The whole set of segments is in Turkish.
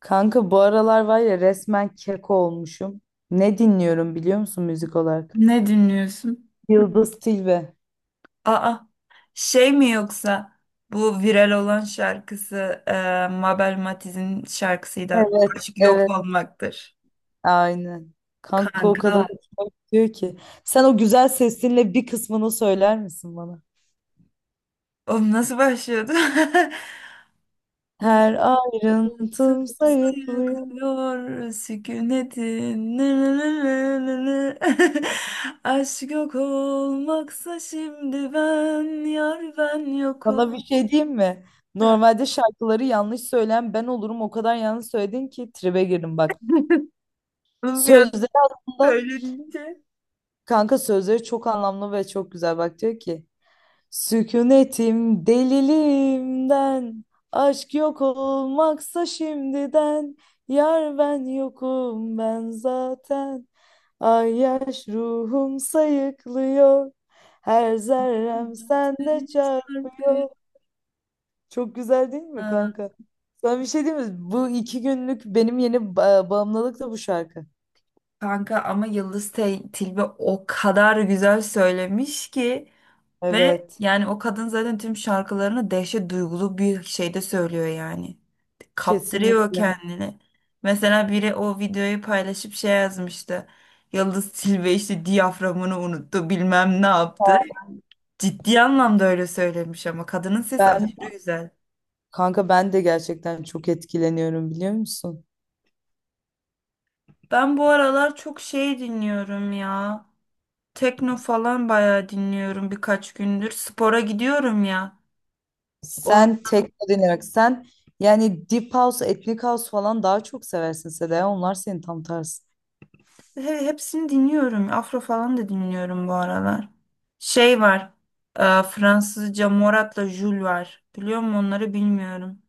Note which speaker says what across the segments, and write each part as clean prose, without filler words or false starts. Speaker 1: Kanka bu aralar var ya resmen keko olmuşum. Ne dinliyorum biliyor musun müzik olarak?
Speaker 2: Ne dinliyorsun?
Speaker 1: Yıldız Tilbe.
Speaker 2: Aa, şey mi yoksa bu viral olan şarkısı e, Mabel Matiz'in şarkısıydı.
Speaker 1: Evet,
Speaker 2: Aşk yok
Speaker 1: evet,
Speaker 2: olmaktır.
Speaker 1: aynen. Kanka o kadar
Speaker 2: Kanka.
Speaker 1: hoşuma gidiyor ki. Sen o güzel sesinle bir kısmını söyler misin bana?
Speaker 2: O nasıl başlıyordu?
Speaker 1: Her
Speaker 2: Rıhtım
Speaker 1: ayrıntım sayıklıyor.
Speaker 2: sayıklıyor sükunetin. Nı nı nı nı nı nı. Aşk yok olmaksa şimdi ben yar ben yokum.
Speaker 1: Bana bir şey diyeyim mi? Normalde şarkıları yanlış söyleyen ben olurum. O kadar yanlış söyledin ki tribe girdim bak.
Speaker 2: Bunu bir anda
Speaker 1: Sözleri aslında
Speaker 2: söyleyince.
Speaker 1: kanka, sözleri çok anlamlı ve çok güzel. Bak diyor ki: "Sükunetim deliliğimden, aşk yok olmaksa şimdiden, yar ben yokum ben zaten, ay yaş ruhum sayıklıyor, her zerrem sende
Speaker 2: Üç harfi.
Speaker 1: çarpıyor." Çok güzel değil mi
Speaker 2: Ha,
Speaker 1: kanka? Sana bir şey diyeyim mi? Bu 2 günlük benim yeni bağımlılık da bu şarkı.
Speaker 2: kanka ama Yıldız Tilbe o kadar güzel söylemiş ki ve
Speaker 1: Evet,
Speaker 2: yani o kadın zaten tüm şarkılarını dehşet duygulu bir şeyde söylüyor yani. Kaptırıyor
Speaker 1: kesinlikle.
Speaker 2: kendini. Mesela biri o videoyu paylaşıp şey yazmıştı. Yıldız Tilbe işte diyaframını unuttu bilmem ne yaptı. Ciddi anlamda öyle söylemiş ama kadının sesi
Speaker 1: Ben
Speaker 2: aşırı güzel.
Speaker 1: Kanka, ben de gerçekten çok etkileniyorum, biliyor musun?
Speaker 2: Ben bu aralar çok şey dinliyorum ya. Tekno falan bayağı dinliyorum birkaç gündür. Spora gidiyorum ya. O
Speaker 1: Sen tekno dinlemek sen, yani Deep House, Ethnic House falan daha çok seversin Seda. Onlar senin tam tersi.
Speaker 2: hepsini dinliyorum. Afro falan da dinliyorum bu aralar. Şey var. Fransızca Morat'la Jul var. Biliyor musun onları bilmiyorum.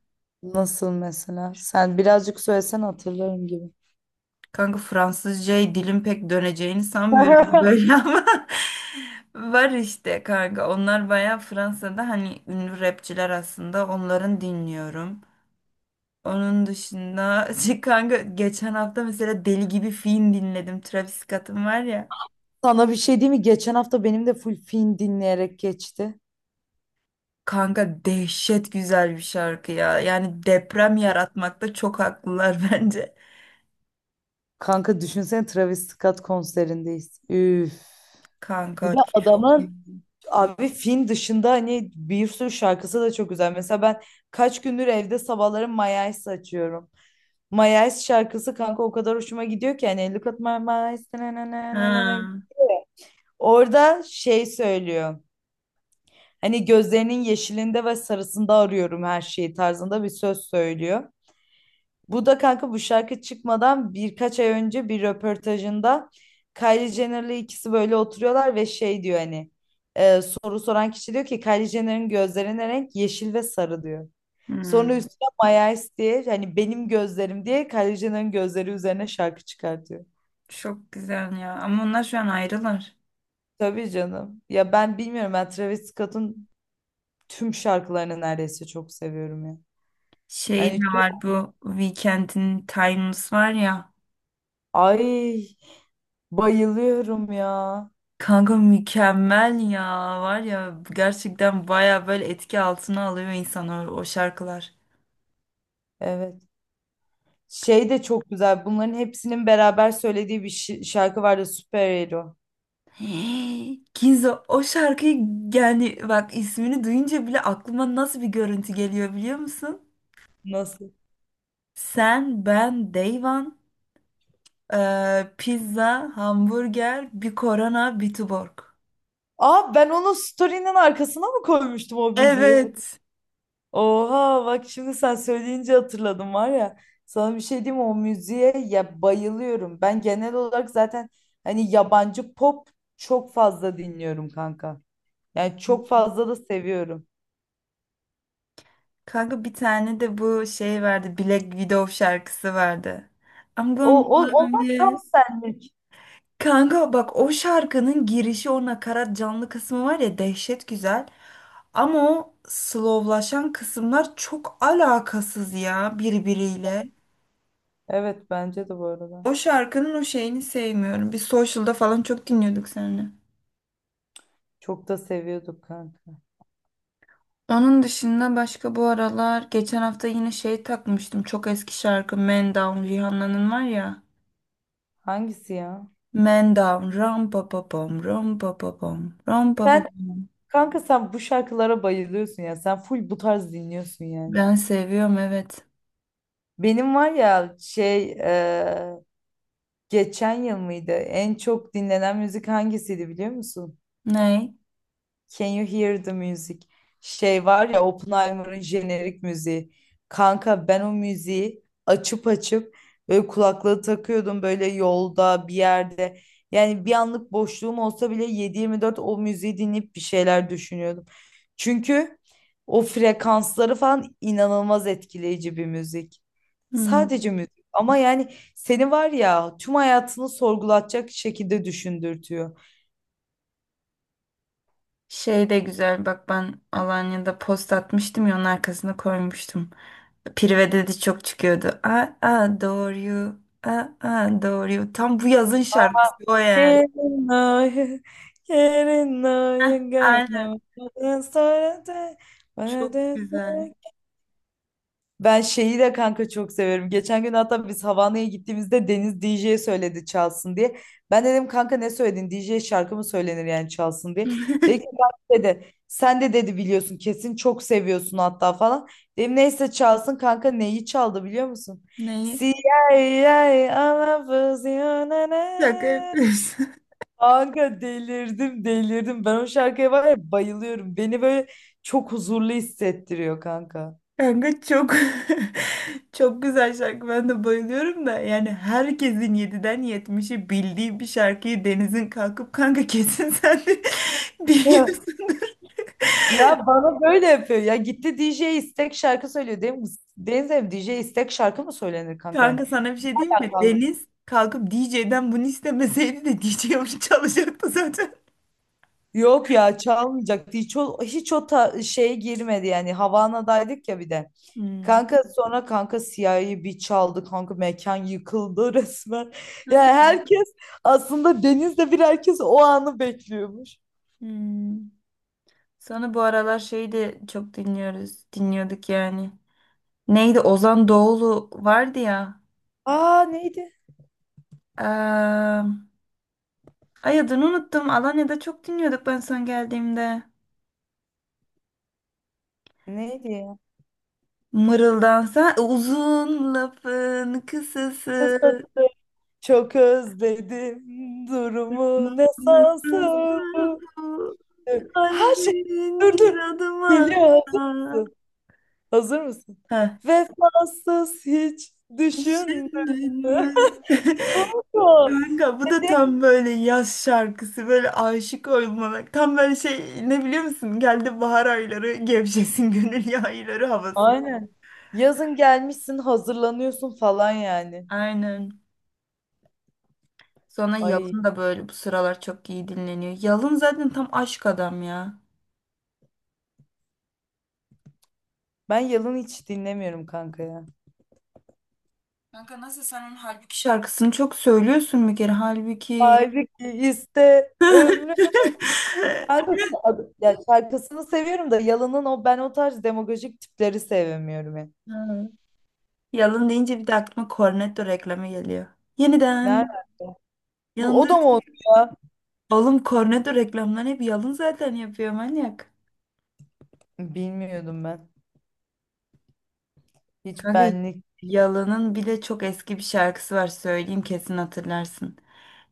Speaker 1: Nasıl mesela? Sen birazcık söylesen hatırlarım gibi.
Speaker 2: Kanka Fransızcaya dilim pek döneceğini sanmıyorum böyle ama var işte kanka. Onlar bayağı Fransa'da hani ünlü rapçiler aslında. Onların dinliyorum. Onun dışında şey kanka geçen hafta mesela deli gibi film dinledim. Travis Scott'ın var ya.
Speaker 1: Sana bir şey diyeyim mi? Geçen hafta benim de full film dinleyerek geçti.
Speaker 2: Kanka dehşet güzel bir şarkı ya. Yani deprem yaratmakta çok haklılar bence.
Speaker 1: Kanka düşünsene, Travis Scott konserindeyiz. Üf. Bir
Speaker 2: Kanka
Speaker 1: de
Speaker 2: çok iyi.
Speaker 1: adamın, abi, film dışında hani bir sürü şarkısı da çok güzel. Mesela ben kaç gündür evde sabahları My Eyes açıyorum. My Eyes şarkısı kanka o kadar hoşuma gidiyor ki, hani "look at my eyes, na na na na na na."
Speaker 2: Ha,
Speaker 1: Orada şey söylüyor. Hani gözlerinin yeşilinde ve sarısında arıyorum her şeyi tarzında bir söz söylüyor. Bu da kanka, bu şarkı çıkmadan birkaç ay önce bir röportajında Kylie Jenner'la ikisi böyle oturuyorlar ve şey diyor, hani, soru soran kişi diyor ki Kylie Jenner'ın gözlerine renk yeşil ve sarı diyor. Sonra
Speaker 2: hmm,
Speaker 1: üstüne My Eyes diye, hani benim gözlerim diye, Kylie Jenner'ın gözleri üzerine şarkı çıkartıyor.
Speaker 2: çok güzel ya. Ama onlar şu an ayrılar.
Speaker 1: Tabii canım. Ya ben bilmiyorum, ben Travis Scott'un tüm şarkılarını neredeyse çok seviyorum ya.
Speaker 2: Şey de
Speaker 1: Hani
Speaker 2: var
Speaker 1: çok,
Speaker 2: bu Weekend'in Timeless var ya.
Speaker 1: ay, bayılıyorum ya.
Speaker 2: Kanka mükemmel ya. Var ya gerçekten baya böyle etki altına alıyor insanı o şarkılar.
Speaker 1: Evet. Şey de çok güzel. Bunların hepsinin beraber söylediği bir şarkı vardı. Superhero.
Speaker 2: Hey, Kinzo o şarkıyı yani bak ismini duyunca bile aklıma nasıl bir görüntü geliyor biliyor musun?
Speaker 1: Nasıl?
Speaker 2: Sen, ben, Dayvan, pizza, hamburger, bir korona, bir tuborg.
Speaker 1: Aa, ben onu story'nin arkasına mı koymuştum o müziği?
Speaker 2: Evet.
Speaker 1: Oha, bak şimdi sen söyleyince hatırladım var ya. Sana bir şey diyeyim mi? O müziğe ya, bayılıyorum. Ben genel olarak zaten hani yabancı pop çok fazla dinliyorum kanka. Yani çok fazla da seviyorum.
Speaker 2: Kanka bir tane de bu şey vardı Black Widow şarkısı vardı. I'm
Speaker 1: O,
Speaker 2: gonna
Speaker 1: o
Speaker 2: love
Speaker 1: onlar tam
Speaker 2: you.
Speaker 1: senlik.
Speaker 2: Kanka bak o şarkının girişi o nakarat canlı kısmı var ya dehşet güzel. Ama o slowlaşan kısımlar çok alakasız ya birbiriyle.
Speaker 1: Evet, bence de bu arada.
Speaker 2: O şarkının o şeyini sevmiyorum. Biz Social'da falan çok dinliyorduk seninle.
Speaker 1: Çok da seviyorduk kanka.
Speaker 2: Onun dışında başka bu aralar geçen hafta yine şey takmıştım. Çok eski şarkı Man Down Rihanna'nın var ya.
Speaker 1: Hangisi ya?
Speaker 2: Man Down ram pa pa pam ram pa pa pam ram pa pa
Speaker 1: Sen,
Speaker 2: pam.
Speaker 1: kanka, sen bu şarkılara bayılıyorsun ya. Sen full bu tarz dinliyorsun yani.
Speaker 2: Ben seviyorum evet.
Speaker 1: Benim var ya şey, geçen yıl mıydı? En çok dinlenen müzik hangisiydi biliyor musun?
Speaker 2: Ney?
Speaker 1: Can you hear the music? Şey var ya, Oppenheimer'ın jenerik müziği. Kanka ben o müziği açıp açıp böyle kulaklığı takıyordum, böyle yolda bir yerde. Yani bir anlık boşluğum olsa bile 7/24 o müziği dinleyip bir şeyler düşünüyordum. Çünkü o frekansları falan inanılmaz etkileyici bir müzik. Sadece müzik ama yani seni var ya, tüm hayatını sorgulatacak şekilde düşündürtüyor.
Speaker 2: Şey de güzel bak ben Alanya'da post atmıştım ya onun arkasına koymuştum. Prive dedi çok çıkıyordu. I adore you. I adore you. Tam bu yazın şarkısı o yani.
Speaker 1: Yerin yerin.
Speaker 2: Heh, aynen. Çok güzel.
Speaker 1: Ben şeyi de kanka çok severim. Geçen gün hatta biz Havana'ya gittiğimizde Deniz DJ'ye söyledi çalsın diye. Ben dedim kanka ne söyledin? DJ şarkı mı söylenir, yani çalsın diye. Dedi ki "Kanka," dedi, "sen de," dedi, "biliyorsun, kesin çok seviyorsun hatta," falan. Dedim neyse, çalsın kanka, neyi çaldı biliyor musun?
Speaker 2: Neyi?
Speaker 1: CIA, I'm a I love you, na
Speaker 2: Şaka
Speaker 1: na.
Speaker 2: yapıyorsun.
Speaker 1: Kanka delirdim delirdim. Ben o şarkıya var ya bayılıyorum. Beni böyle çok huzurlu hissettiriyor kanka.
Speaker 2: Kanka çok çok güzel şarkı. Ben de bayılıyorum da yani herkesin yediden yetmişi bildiği bir şarkıyı Deniz'in kalkıp kanka kesin sen de biliyorsundur.
Speaker 1: Ya, bana böyle yapıyor. Ya gitti DJ istek şarkı söylüyor, değil mi? Deniz abi, DJ istek şarkı mı söylenir kanka yani?
Speaker 2: Kanka sana bir şey diyeyim mi?
Speaker 1: Alakalı.
Speaker 2: Deniz kalkıp DJ'den bunu istemeseydi de DJ onu çalacaktı zaten.
Speaker 1: Yok ya, çalmayacaktı. Hiç o, şeye girmedi yani. Havana'daydık ya bir de.
Speaker 2: Hmm.
Speaker 1: Kanka sonra, kanka, Siyah'ı bir çaldı. Kanka mekan yıkıldı resmen. Yani
Speaker 2: Hadi.
Speaker 1: herkes aslında Deniz'le bir, herkes o anı bekliyormuş.
Speaker 2: Hmm. Sana bu aralar şeyi de çok dinliyoruz. Dinliyorduk yani. Neydi? Ozan Doğulu vardı ya.
Speaker 1: Aa, neydi?
Speaker 2: Eee, Ay adını unuttum. Alanya'da çok dinliyorduk ben son geldiğimde.
Speaker 1: Neydi ya?
Speaker 2: Mırıldansa uzun lafın kısası.
Speaker 1: Kısa- Çok özledim durumu, ne
Speaker 2: Nasılsa
Speaker 1: sansın bu.
Speaker 2: bu
Speaker 1: Ha şey,
Speaker 2: kalbin
Speaker 1: dur dur.
Speaker 2: bir adım
Speaker 1: Geliyor, hazır
Speaker 2: atsa.
Speaker 1: mısın? Hazır mısın?
Speaker 2: Ha.
Speaker 1: Vefasız hiç düşündün
Speaker 2: Düşündün
Speaker 1: mü?
Speaker 2: mü?
Speaker 1: Kanka.
Speaker 2: Kanka bu da
Speaker 1: Dedi.
Speaker 2: tam böyle yaz şarkısı böyle aşık olmalı. Tam böyle şey ne biliyor musun? Geldi bahar ayları gevşesin gönül yayları havası.
Speaker 1: Aynen. Yazın gelmişsin hazırlanıyorsun falan yani.
Speaker 2: Aynen. Sonra
Speaker 1: Ay,
Speaker 2: Yalın da böyle bu sıralar çok iyi dinleniyor. Yalın zaten tam aşk adam ya.
Speaker 1: ben Yalın hiç dinlemiyorum kanka ya.
Speaker 2: Kanka nasıl sen onun Halbuki şarkısını çok söylüyorsun bir kere. Halbuki.
Speaker 1: Halbuki iste ömrüm. Abi, ya şarkısını seviyorum da Yalın'ın, o ben o tarz demagojik tipleri sevmiyorum ya.
Speaker 2: Ha. Yalın deyince bir de aklıma Cornetto reklamı geliyor. Yeniden.
Speaker 1: Nerede? Bu o da mı oldu ya?
Speaker 2: Oğlum Cornetto reklamlarını hep Yalın zaten yapıyor manyak.
Speaker 1: Bilmiyordum ben. Hiç
Speaker 2: Kanka
Speaker 1: benlik.
Speaker 2: Yalın'ın bir de çok eski bir şarkısı var söyleyeyim kesin hatırlarsın.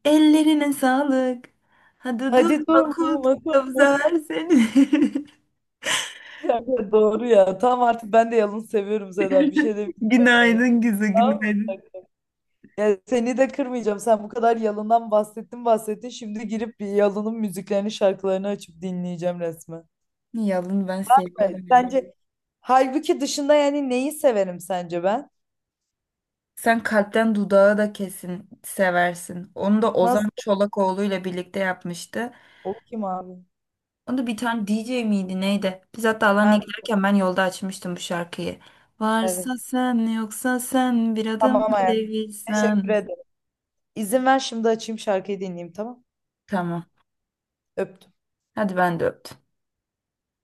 Speaker 2: Ellerine sağlık. Hadi
Speaker 1: Hadi
Speaker 2: durma kul
Speaker 1: durma
Speaker 2: her seni.
Speaker 1: kanka, doğru ya. Tamam, artık ben de Yalın seviyorum Seda. Bir şey demiyorum yani.
Speaker 2: Günaydın güzel
Speaker 1: Tamam mı,
Speaker 2: günaydın.
Speaker 1: kanka? Ya seni de kırmayacağım. Sen bu kadar Yalın'dan bahsettin bahsettin. Şimdi girip bir Yalın'ın müziklerini, şarkılarını açıp dinleyeceğim resmen.
Speaker 2: Yalın ben
Speaker 1: Evet.
Speaker 2: seviyorum ya.
Speaker 1: Sence Halbuki dışında yani neyi severim sence ben?
Speaker 2: Sen kalpten dudağı da kesin seversin. Onu da Ozan
Speaker 1: Nasıl?
Speaker 2: Çolakoğlu ile birlikte yapmıştı.
Speaker 1: O kim abi?
Speaker 2: O da bir tane DJ miydi neydi? Biz hatta Alanya'ya
Speaker 1: Ha,
Speaker 2: giderken ben yolda açmıştım bu şarkıyı. Varsa
Speaker 1: evet.
Speaker 2: sen yoksa sen bir adım
Speaker 1: Tamam hayatım. Teşekkür
Speaker 2: gelebilsen.
Speaker 1: ederim. İzin ver, şimdi açayım şarkıyı dinleyeyim, tamam.
Speaker 2: Tamam.
Speaker 1: Öptüm.
Speaker 2: Hadi ben de öptüm.